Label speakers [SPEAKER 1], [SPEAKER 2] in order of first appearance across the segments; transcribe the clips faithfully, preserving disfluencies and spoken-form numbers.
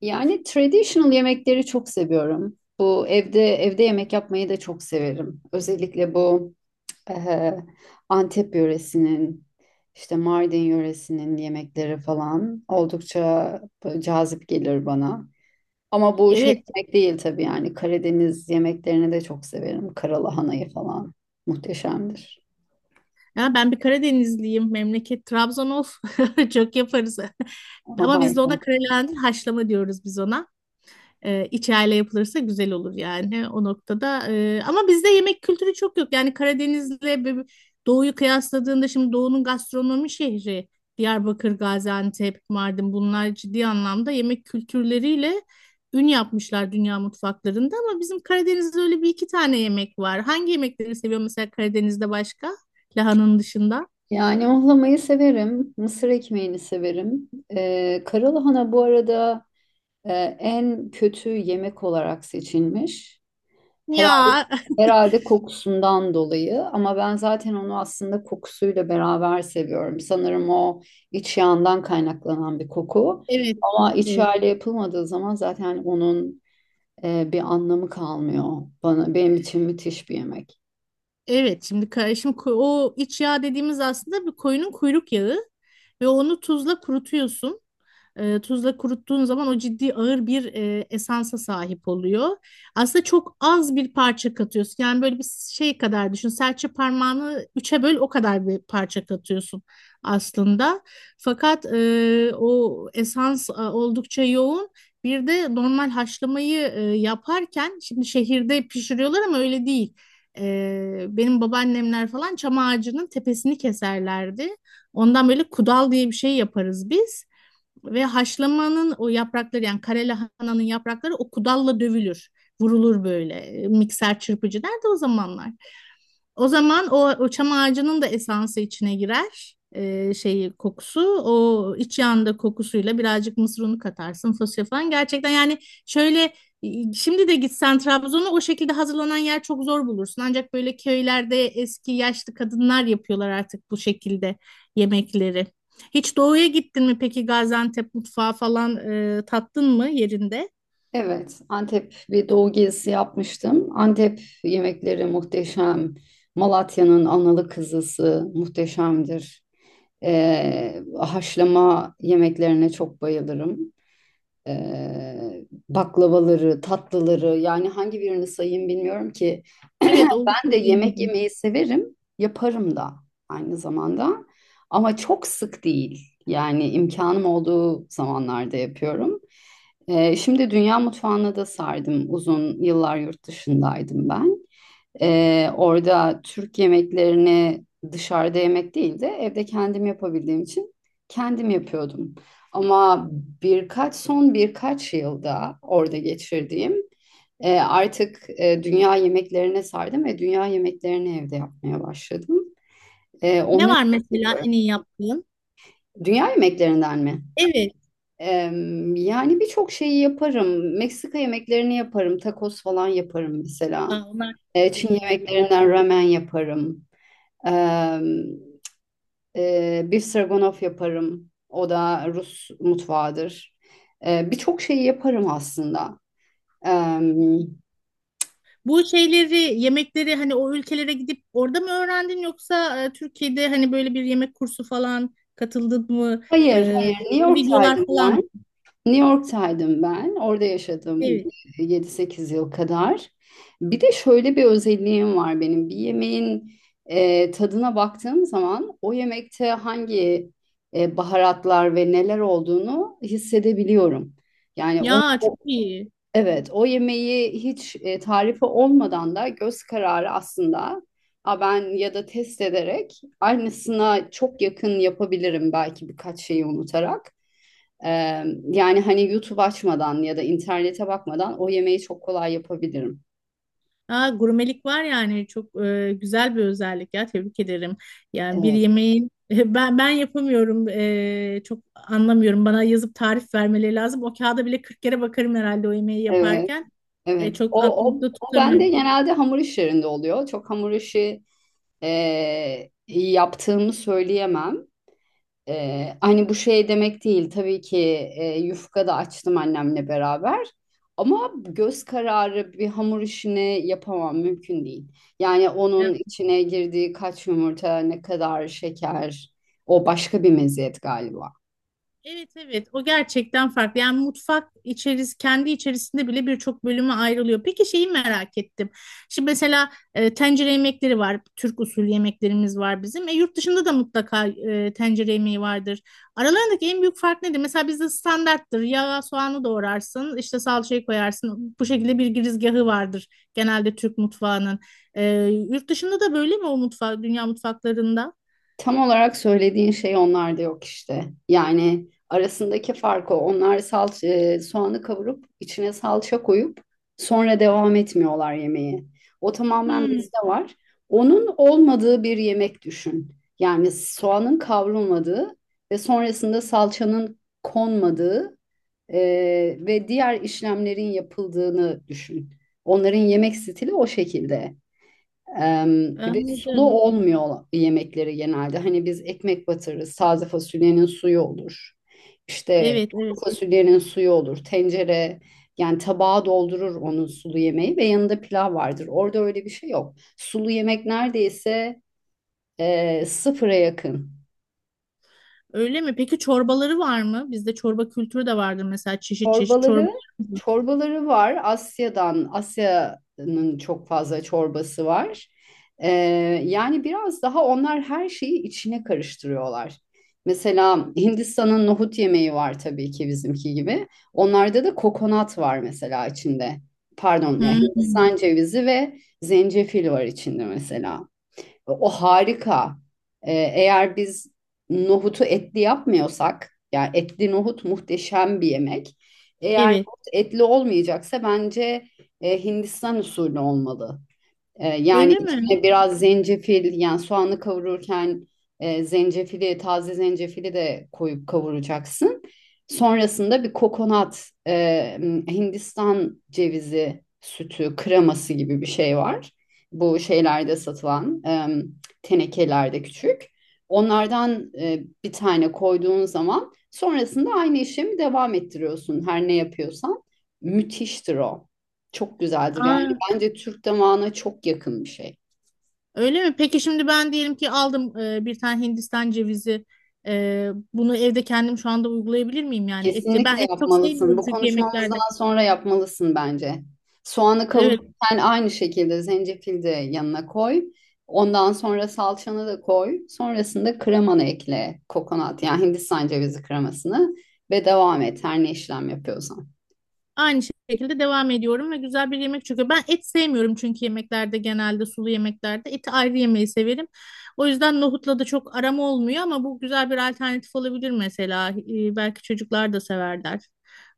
[SPEAKER 1] Yani traditional yemekleri çok seviyorum. Bu evde evde yemek yapmayı da çok severim. Özellikle bu eh, Antep yöresinin, işte Mardin yöresinin yemekleri falan oldukça böyle cazip gelir bana. Ama bu şey
[SPEAKER 2] Evet.
[SPEAKER 1] yemek değil tabii yani Karadeniz yemeklerini de çok severim. Karalahanayı falan muhteşemdir.
[SPEAKER 2] Ya ben bir Karadenizliyim. Memleket Trabzon of. Çok yaparız.
[SPEAKER 1] Ama
[SPEAKER 2] Ama biz de
[SPEAKER 1] harika.
[SPEAKER 2] ona karalahandın haşlama diyoruz biz ona. E, içerle yapılırsa güzel olur yani o noktada. E, ama bizde yemek kültürü çok yok. Yani Karadeniz'le ve Doğu'yu kıyasladığında şimdi Doğu'nun gastronomi şehri Diyarbakır, Gaziantep, Mardin bunlar ciddi anlamda yemek kültürleriyle ün yapmışlar dünya mutfaklarında ama bizim Karadeniz'de öyle bir iki tane yemek var. Hangi yemekleri seviyor mesela Karadeniz'de başka? Lahananın dışında.
[SPEAKER 1] Yani ohlamayı severim. Mısır ekmeğini severim. Ee, karalahana bu arada e, en kötü yemek olarak seçilmiş. Herhalde
[SPEAKER 2] Ya,
[SPEAKER 1] herhalde kokusundan dolayı ama ben zaten onu aslında kokusuyla beraber seviyorum. Sanırım o iç yağından kaynaklanan bir koku.
[SPEAKER 2] evet.
[SPEAKER 1] Ama iç
[SPEAKER 2] Evet.
[SPEAKER 1] yağıyla yapılmadığı zaman zaten onun e, bir anlamı kalmıyor bana. Benim için müthiş bir yemek.
[SPEAKER 2] Evet, şimdi ka- şimdi ko- o iç yağ dediğimiz aslında bir koyunun kuyruk yağı ve onu tuzla kurutuyorsun. E, tuzla kuruttuğun zaman o ciddi ağır bir e, esansa sahip oluyor. Aslında çok az bir parça katıyorsun. Yani böyle bir şey kadar düşün. Serçe parmağını üçe böl o kadar bir parça katıyorsun aslında. Fakat e, o esans e, oldukça yoğun. Bir de normal haşlamayı e, yaparken şimdi şehirde pişiriyorlar ama öyle değil. E, benim babaannemler falan çam ağacının tepesini keserlerdi. Ondan böyle kudal diye bir şey yaparız biz. Ve haşlamanın o yaprakları yani kare lahananın yaprakları o kudalla dövülür. Vurulur böyle. E, Mikser çırpıcı nerede o zamanlar? O zaman o, o çam ağacının da esansı içine girer. Ee, şeyi kokusu o iç yanda kokusuyla birazcık mısır unu katarsın fasulye falan gerçekten yani şöyle e, şimdi de gitsen Trabzon'a o şekilde hazırlanan yer çok zor bulursun ancak böyle köylerde eski yaşlı kadınlar yapıyorlar artık bu şekilde yemekleri. Hiç doğuya gittin mi peki? Gaziantep mutfağı falan e, tattın mı yerinde?
[SPEAKER 1] Evet, Antep bir doğu gezisi yapmıştım. Antep yemekleri muhteşem. Malatya'nın analı kızısı muhteşemdir. Ee, haşlama yemeklerine çok bayılırım. Ee, Baklavaları, tatlıları yani hangi birini sayayım bilmiyorum ki.
[SPEAKER 2] Evet,
[SPEAKER 1] Ben
[SPEAKER 2] oldukça
[SPEAKER 1] de yemek
[SPEAKER 2] zengin.
[SPEAKER 1] yemeyi severim, yaparım da aynı zamanda. Ama çok sık değil. Yani imkanım olduğu zamanlarda yapıyorum. Ee, şimdi dünya mutfağına da sardım. Uzun yıllar yurt dışındaydım ben. Ee, orada Türk yemeklerini dışarıda yemek değil de evde kendim yapabildiğim için kendim yapıyordum. Ama birkaç son birkaç yılda orada geçirdiğim e, artık e, dünya yemeklerine sardım ve dünya yemeklerini evde yapmaya başladım. E,
[SPEAKER 2] Ne
[SPEAKER 1] onları
[SPEAKER 2] var
[SPEAKER 1] da.
[SPEAKER 2] mesela en iyi yaptığın?
[SPEAKER 1] Dünya yemeklerinden mi?
[SPEAKER 2] Evet.
[SPEAKER 1] Em, yani birçok şeyi yaparım. Meksika yemeklerini yaparım. Tacos falan yaparım mesela.
[SPEAKER 2] Aa, onlar çok
[SPEAKER 1] E,
[SPEAKER 2] güzel
[SPEAKER 1] Çin
[SPEAKER 2] oluyor.
[SPEAKER 1] yemeklerinden ramen yaparım. Ee, e, Bir stroganoff yaparım. O da Rus mutfağıdır. Ee, birçok şeyi yaparım aslında. Ee,
[SPEAKER 2] Bu şeyleri, yemekleri hani o ülkelere gidip orada mı öğrendin yoksa e, Türkiye'de hani böyle bir yemek kursu falan katıldın mı? E,
[SPEAKER 1] hayır, hayır. New
[SPEAKER 2] Yoksa videolar
[SPEAKER 1] York'taydım
[SPEAKER 2] falan mı?
[SPEAKER 1] ben. New York'taydım ben. Orada yaşadım
[SPEAKER 2] Evet.
[SPEAKER 1] yedi sekiz yıl kadar. Bir de şöyle bir özelliğim var benim. Bir yemeğin e, tadına baktığım zaman o yemekte hangi e, baharatlar ve neler olduğunu hissedebiliyorum. Yani o.
[SPEAKER 2] Ya çok iyi.
[SPEAKER 1] Evet, o yemeği hiç e, tarifi olmadan da göz kararı aslında, "Aa, ben ya da test ederek aynısına çok yakın yapabilirim belki birkaç şeyi unutarak." Ee, Yani hani YouTube açmadan ya da internete bakmadan o yemeği çok kolay yapabilirim.
[SPEAKER 2] Aa, gurmelik var yani çok e, güzel bir özellik ya, tebrik ederim. Yani bir
[SPEAKER 1] Evet,
[SPEAKER 2] yemeğin ben ben yapamıyorum, e, çok anlamıyorum. Bana yazıp tarif vermeleri lazım. O kağıda bile kırk kere bakarım herhalde o yemeği
[SPEAKER 1] evet,
[SPEAKER 2] yaparken. E,
[SPEAKER 1] evet.
[SPEAKER 2] çok
[SPEAKER 1] O, o,
[SPEAKER 2] aklımda
[SPEAKER 1] o bende
[SPEAKER 2] tutamıyorum.
[SPEAKER 1] genelde hamur işlerinde oluyor. Çok hamur işi e, yaptığımı söyleyemem. Ee, hani bu şey demek değil tabii ki e, yufka da açtım annemle beraber ama göz kararı bir hamur işini yapamam mümkün değil. Yani onun içine girdiği kaç yumurta ne kadar şeker, o başka bir meziyet galiba.
[SPEAKER 2] Evet evet, o gerçekten farklı. Yani mutfak içeris kendi içerisinde bile birçok bölüme ayrılıyor. Peki şeyi merak ettim. Şimdi mesela e, tencere yemekleri var. Türk usulü yemeklerimiz var bizim. E, yurt dışında da mutlaka e, tencere yemeği vardır. Aralarındaki en büyük fark nedir? Mesela bizde standarttır. Yağ, soğanı doğrarsın, işte salçayı koyarsın. Bu şekilde bir girizgahı vardır genelde Türk mutfağının. E, Yurt dışında da böyle mi o mutfak, dünya mutfaklarında?
[SPEAKER 1] Tam olarak söylediğin şey onlarda yok işte. Yani arasındaki fark o. Onlar salça, e, soğanı kavurup içine salça koyup sonra devam etmiyorlar yemeğe. O tamamen
[SPEAKER 2] Hmm,
[SPEAKER 1] bizde var. Onun olmadığı bir yemek düşün. Yani soğanın kavrulmadığı ve sonrasında salçanın konmadığı e, ve diğer işlemlerin yapıldığını düşün. Onların yemek stili o şekilde. Ee, ve sulu
[SPEAKER 2] anladım.
[SPEAKER 1] olmuyor yemekleri genelde. Hani biz ekmek batırırız, taze fasulyenin suyu olur. İşte
[SPEAKER 2] Evet, evet.
[SPEAKER 1] kuru fasulyenin suyu olur. Tencere yani tabağa doldurur onun sulu yemeği ve yanında pilav vardır. Orada öyle bir şey yok. Sulu yemek neredeyse e, sıfıra yakın.
[SPEAKER 2] Öyle mi? Peki çorbaları var mı? Bizde çorba kültürü de vardır mesela, çeşit çeşit çorba.
[SPEAKER 1] Çorbaları, çorbaları var. Asya'dan, Asya'nın çok fazla çorbası var. Ee, yani biraz daha onlar her şeyi içine karıştırıyorlar. Mesela Hindistan'ın nohut yemeği var tabii ki bizimki gibi. Onlarda da kokonat var mesela içinde. Pardon ya,
[SPEAKER 2] Hmm.
[SPEAKER 1] Hindistan cevizi ve zencefil var içinde mesela. O harika. Ee, eğer biz nohutu etli yapmıyorsak, yani etli nohut muhteşem bir yemek. Eğer
[SPEAKER 2] Evet.
[SPEAKER 1] nohut etli olmayacaksa bence e, Hindistan usulü olmalı. E, yani
[SPEAKER 2] Öyle mi?
[SPEAKER 1] içine biraz zencefil, yani soğanı kavururken e, zencefili taze zencefili de koyup kavuracaksın. Sonrasında bir kokonat, e, Hindistan cevizi sütü kreması gibi bir şey var. Bu şeylerde satılan e, tenekelerde küçük. Onlardan e, bir tane koyduğun zaman sonrasında aynı işlemi devam ettiriyorsun her ne yapıyorsan. Müthiştir o. Çok güzeldir yani.
[SPEAKER 2] Aa,
[SPEAKER 1] Bence Türk damağına çok yakın bir şey.
[SPEAKER 2] öyle mi? Peki şimdi ben diyelim ki aldım e, bir tane Hindistan cevizi. E, bunu evde kendim şu anda uygulayabilir miyim yani et?
[SPEAKER 1] Kesinlikle
[SPEAKER 2] Ben et çok
[SPEAKER 1] yapmalısın.
[SPEAKER 2] sevmiyorum
[SPEAKER 1] Bu
[SPEAKER 2] çünkü yemeklerde.
[SPEAKER 1] konuşmamızdan sonra yapmalısın bence. Soğanı
[SPEAKER 2] Evet.
[SPEAKER 1] kavururken aynı şekilde zencefil de yanına koy. Ondan sonra salçanı da koy. Sonrasında kremanı ekle. Kokonat, yani Hindistan cevizi kremasını ve devam et her ne işlem yapıyorsan.
[SPEAKER 2] Aynı şekilde devam ediyorum ve güzel bir yemek çıkıyor. Ben et sevmiyorum çünkü yemeklerde, genelde sulu yemeklerde eti ayrı yemeyi severim. O yüzden nohutla da çok aram olmuyor ama bu güzel bir alternatif olabilir mesela. Ee, belki çocuklar da severler.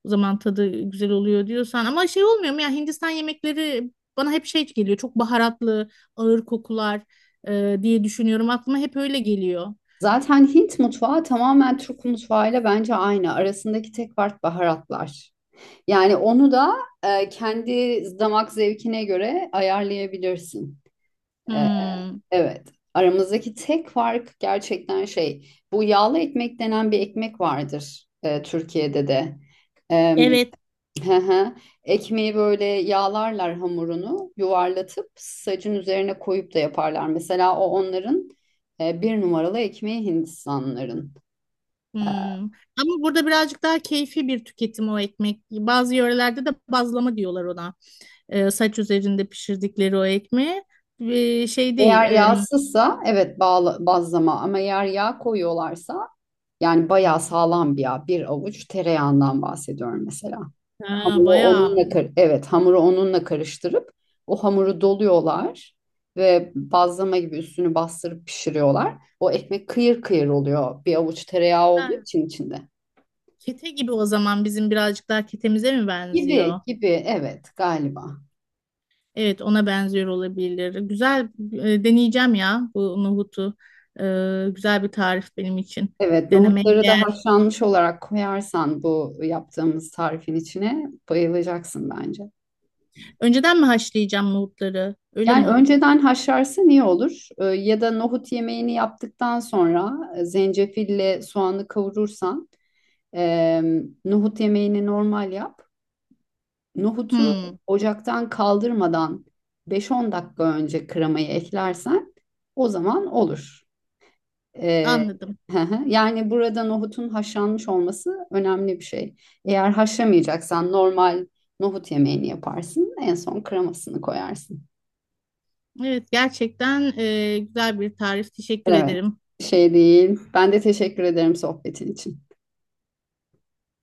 [SPEAKER 2] O zaman tadı güzel oluyor diyorsan ama şey olmuyor mu ya, Hindistan yemekleri bana hep şey geliyor. Çok baharatlı, ağır kokular e, diye düşünüyorum. Aklıma hep öyle geliyor.
[SPEAKER 1] Zaten Hint mutfağı tamamen Türk mutfağıyla bence aynı. Arasındaki tek fark baharatlar. Yani onu da e, kendi damak zevkine göre ayarlayabilirsin. E,
[SPEAKER 2] Hmm.
[SPEAKER 1] Evet. Aramızdaki tek fark gerçekten şey. Bu yağlı ekmek denen bir ekmek vardır e, Türkiye'de de. E,
[SPEAKER 2] Evet.
[SPEAKER 1] hı hı. Ekmeği böyle yağlarlar, hamurunu yuvarlatıp sacın üzerine koyup da yaparlar. Mesela o onların e, bir numaralı ekmeği Hindistanlıların. E,
[SPEAKER 2] Hmm. Ama burada birazcık daha keyfi bir tüketim o ekmek. Bazı yörelerde de bazlama diyorlar ona. Ee, saç üzerinde pişirdikleri o ekmeği. Ee, şey değil.
[SPEAKER 1] Eğer
[SPEAKER 2] Em,
[SPEAKER 1] yağsızsa evet bağla, bazlama, ama eğer yağ koyuyorlarsa yani bayağı sağlam bir yağ. Bir avuç tereyağından bahsediyorum mesela.
[SPEAKER 2] ha,
[SPEAKER 1] Hamuru
[SPEAKER 2] bayağı.
[SPEAKER 1] onunla kar- evet hamuru onunla karıştırıp o hamuru doluyorlar ve bazlama gibi üstünü bastırıp pişiriyorlar. O ekmek kıyır kıyır oluyor bir avuç tereyağı olduğu
[SPEAKER 2] Ha,
[SPEAKER 1] için içinde.
[SPEAKER 2] kete gibi o zaman, bizim birazcık daha ketemize mi
[SPEAKER 1] Gibi
[SPEAKER 2] benziyor?
[SPEAKER 1] gibi evet, galiba.
[SPEAKER 2] Evet, ona benziyor olabilir. Güzel, e, deneyeceğim ya bu nohutu. Ee, güzel bir tarif benim için.
[SPEAKER 1] Evet,
[SPEAKER 2] Denemeye
[SPEAKER 1] nohutları da
[SPEAKER 2] değer.
[SPEAKER 1] haşlanmış olarak koyarsan bu yaptığımız tarifin içine bayılacaksın bence.
[SPEAKER 2] Önceden mi haşlayacağım nohutları? Öyle
[SPEAKER 1] Yani
[SPEAKER 2] mi?
[SPEAKER 1] önceden haşlarsın, iyi olur. Ee, ya da nohut yemeğini yaptıktan sonra e, zencefille soğanı kavurursan. Ee, Nohut yemeğini normal yap. Nohutu
[SPEAKER 2] Hmm,
[SPEAKER 1] ocaktan kaldırmadan beş on dakika önce kremayı eklersen o zaman olur. Ee,
[SPEAKER 2] anladım.
[SPEAKER 1] hı hı. yani burada nohutun haşlanmış olması önemli bir şey. Eğer haşlamayacaksan normal nohut yemeğini yaparsın. En son kremasını koyarsın.
[SPEAKER 2] Evet, gerçekten e, güzel bir tarif. Teşekkür
[SPEAKER 1] Evet,
[SPEAKER 2] ederim.
[SPEAKER 1] şey değil. Ben de teşekkür ederim sohbetin için.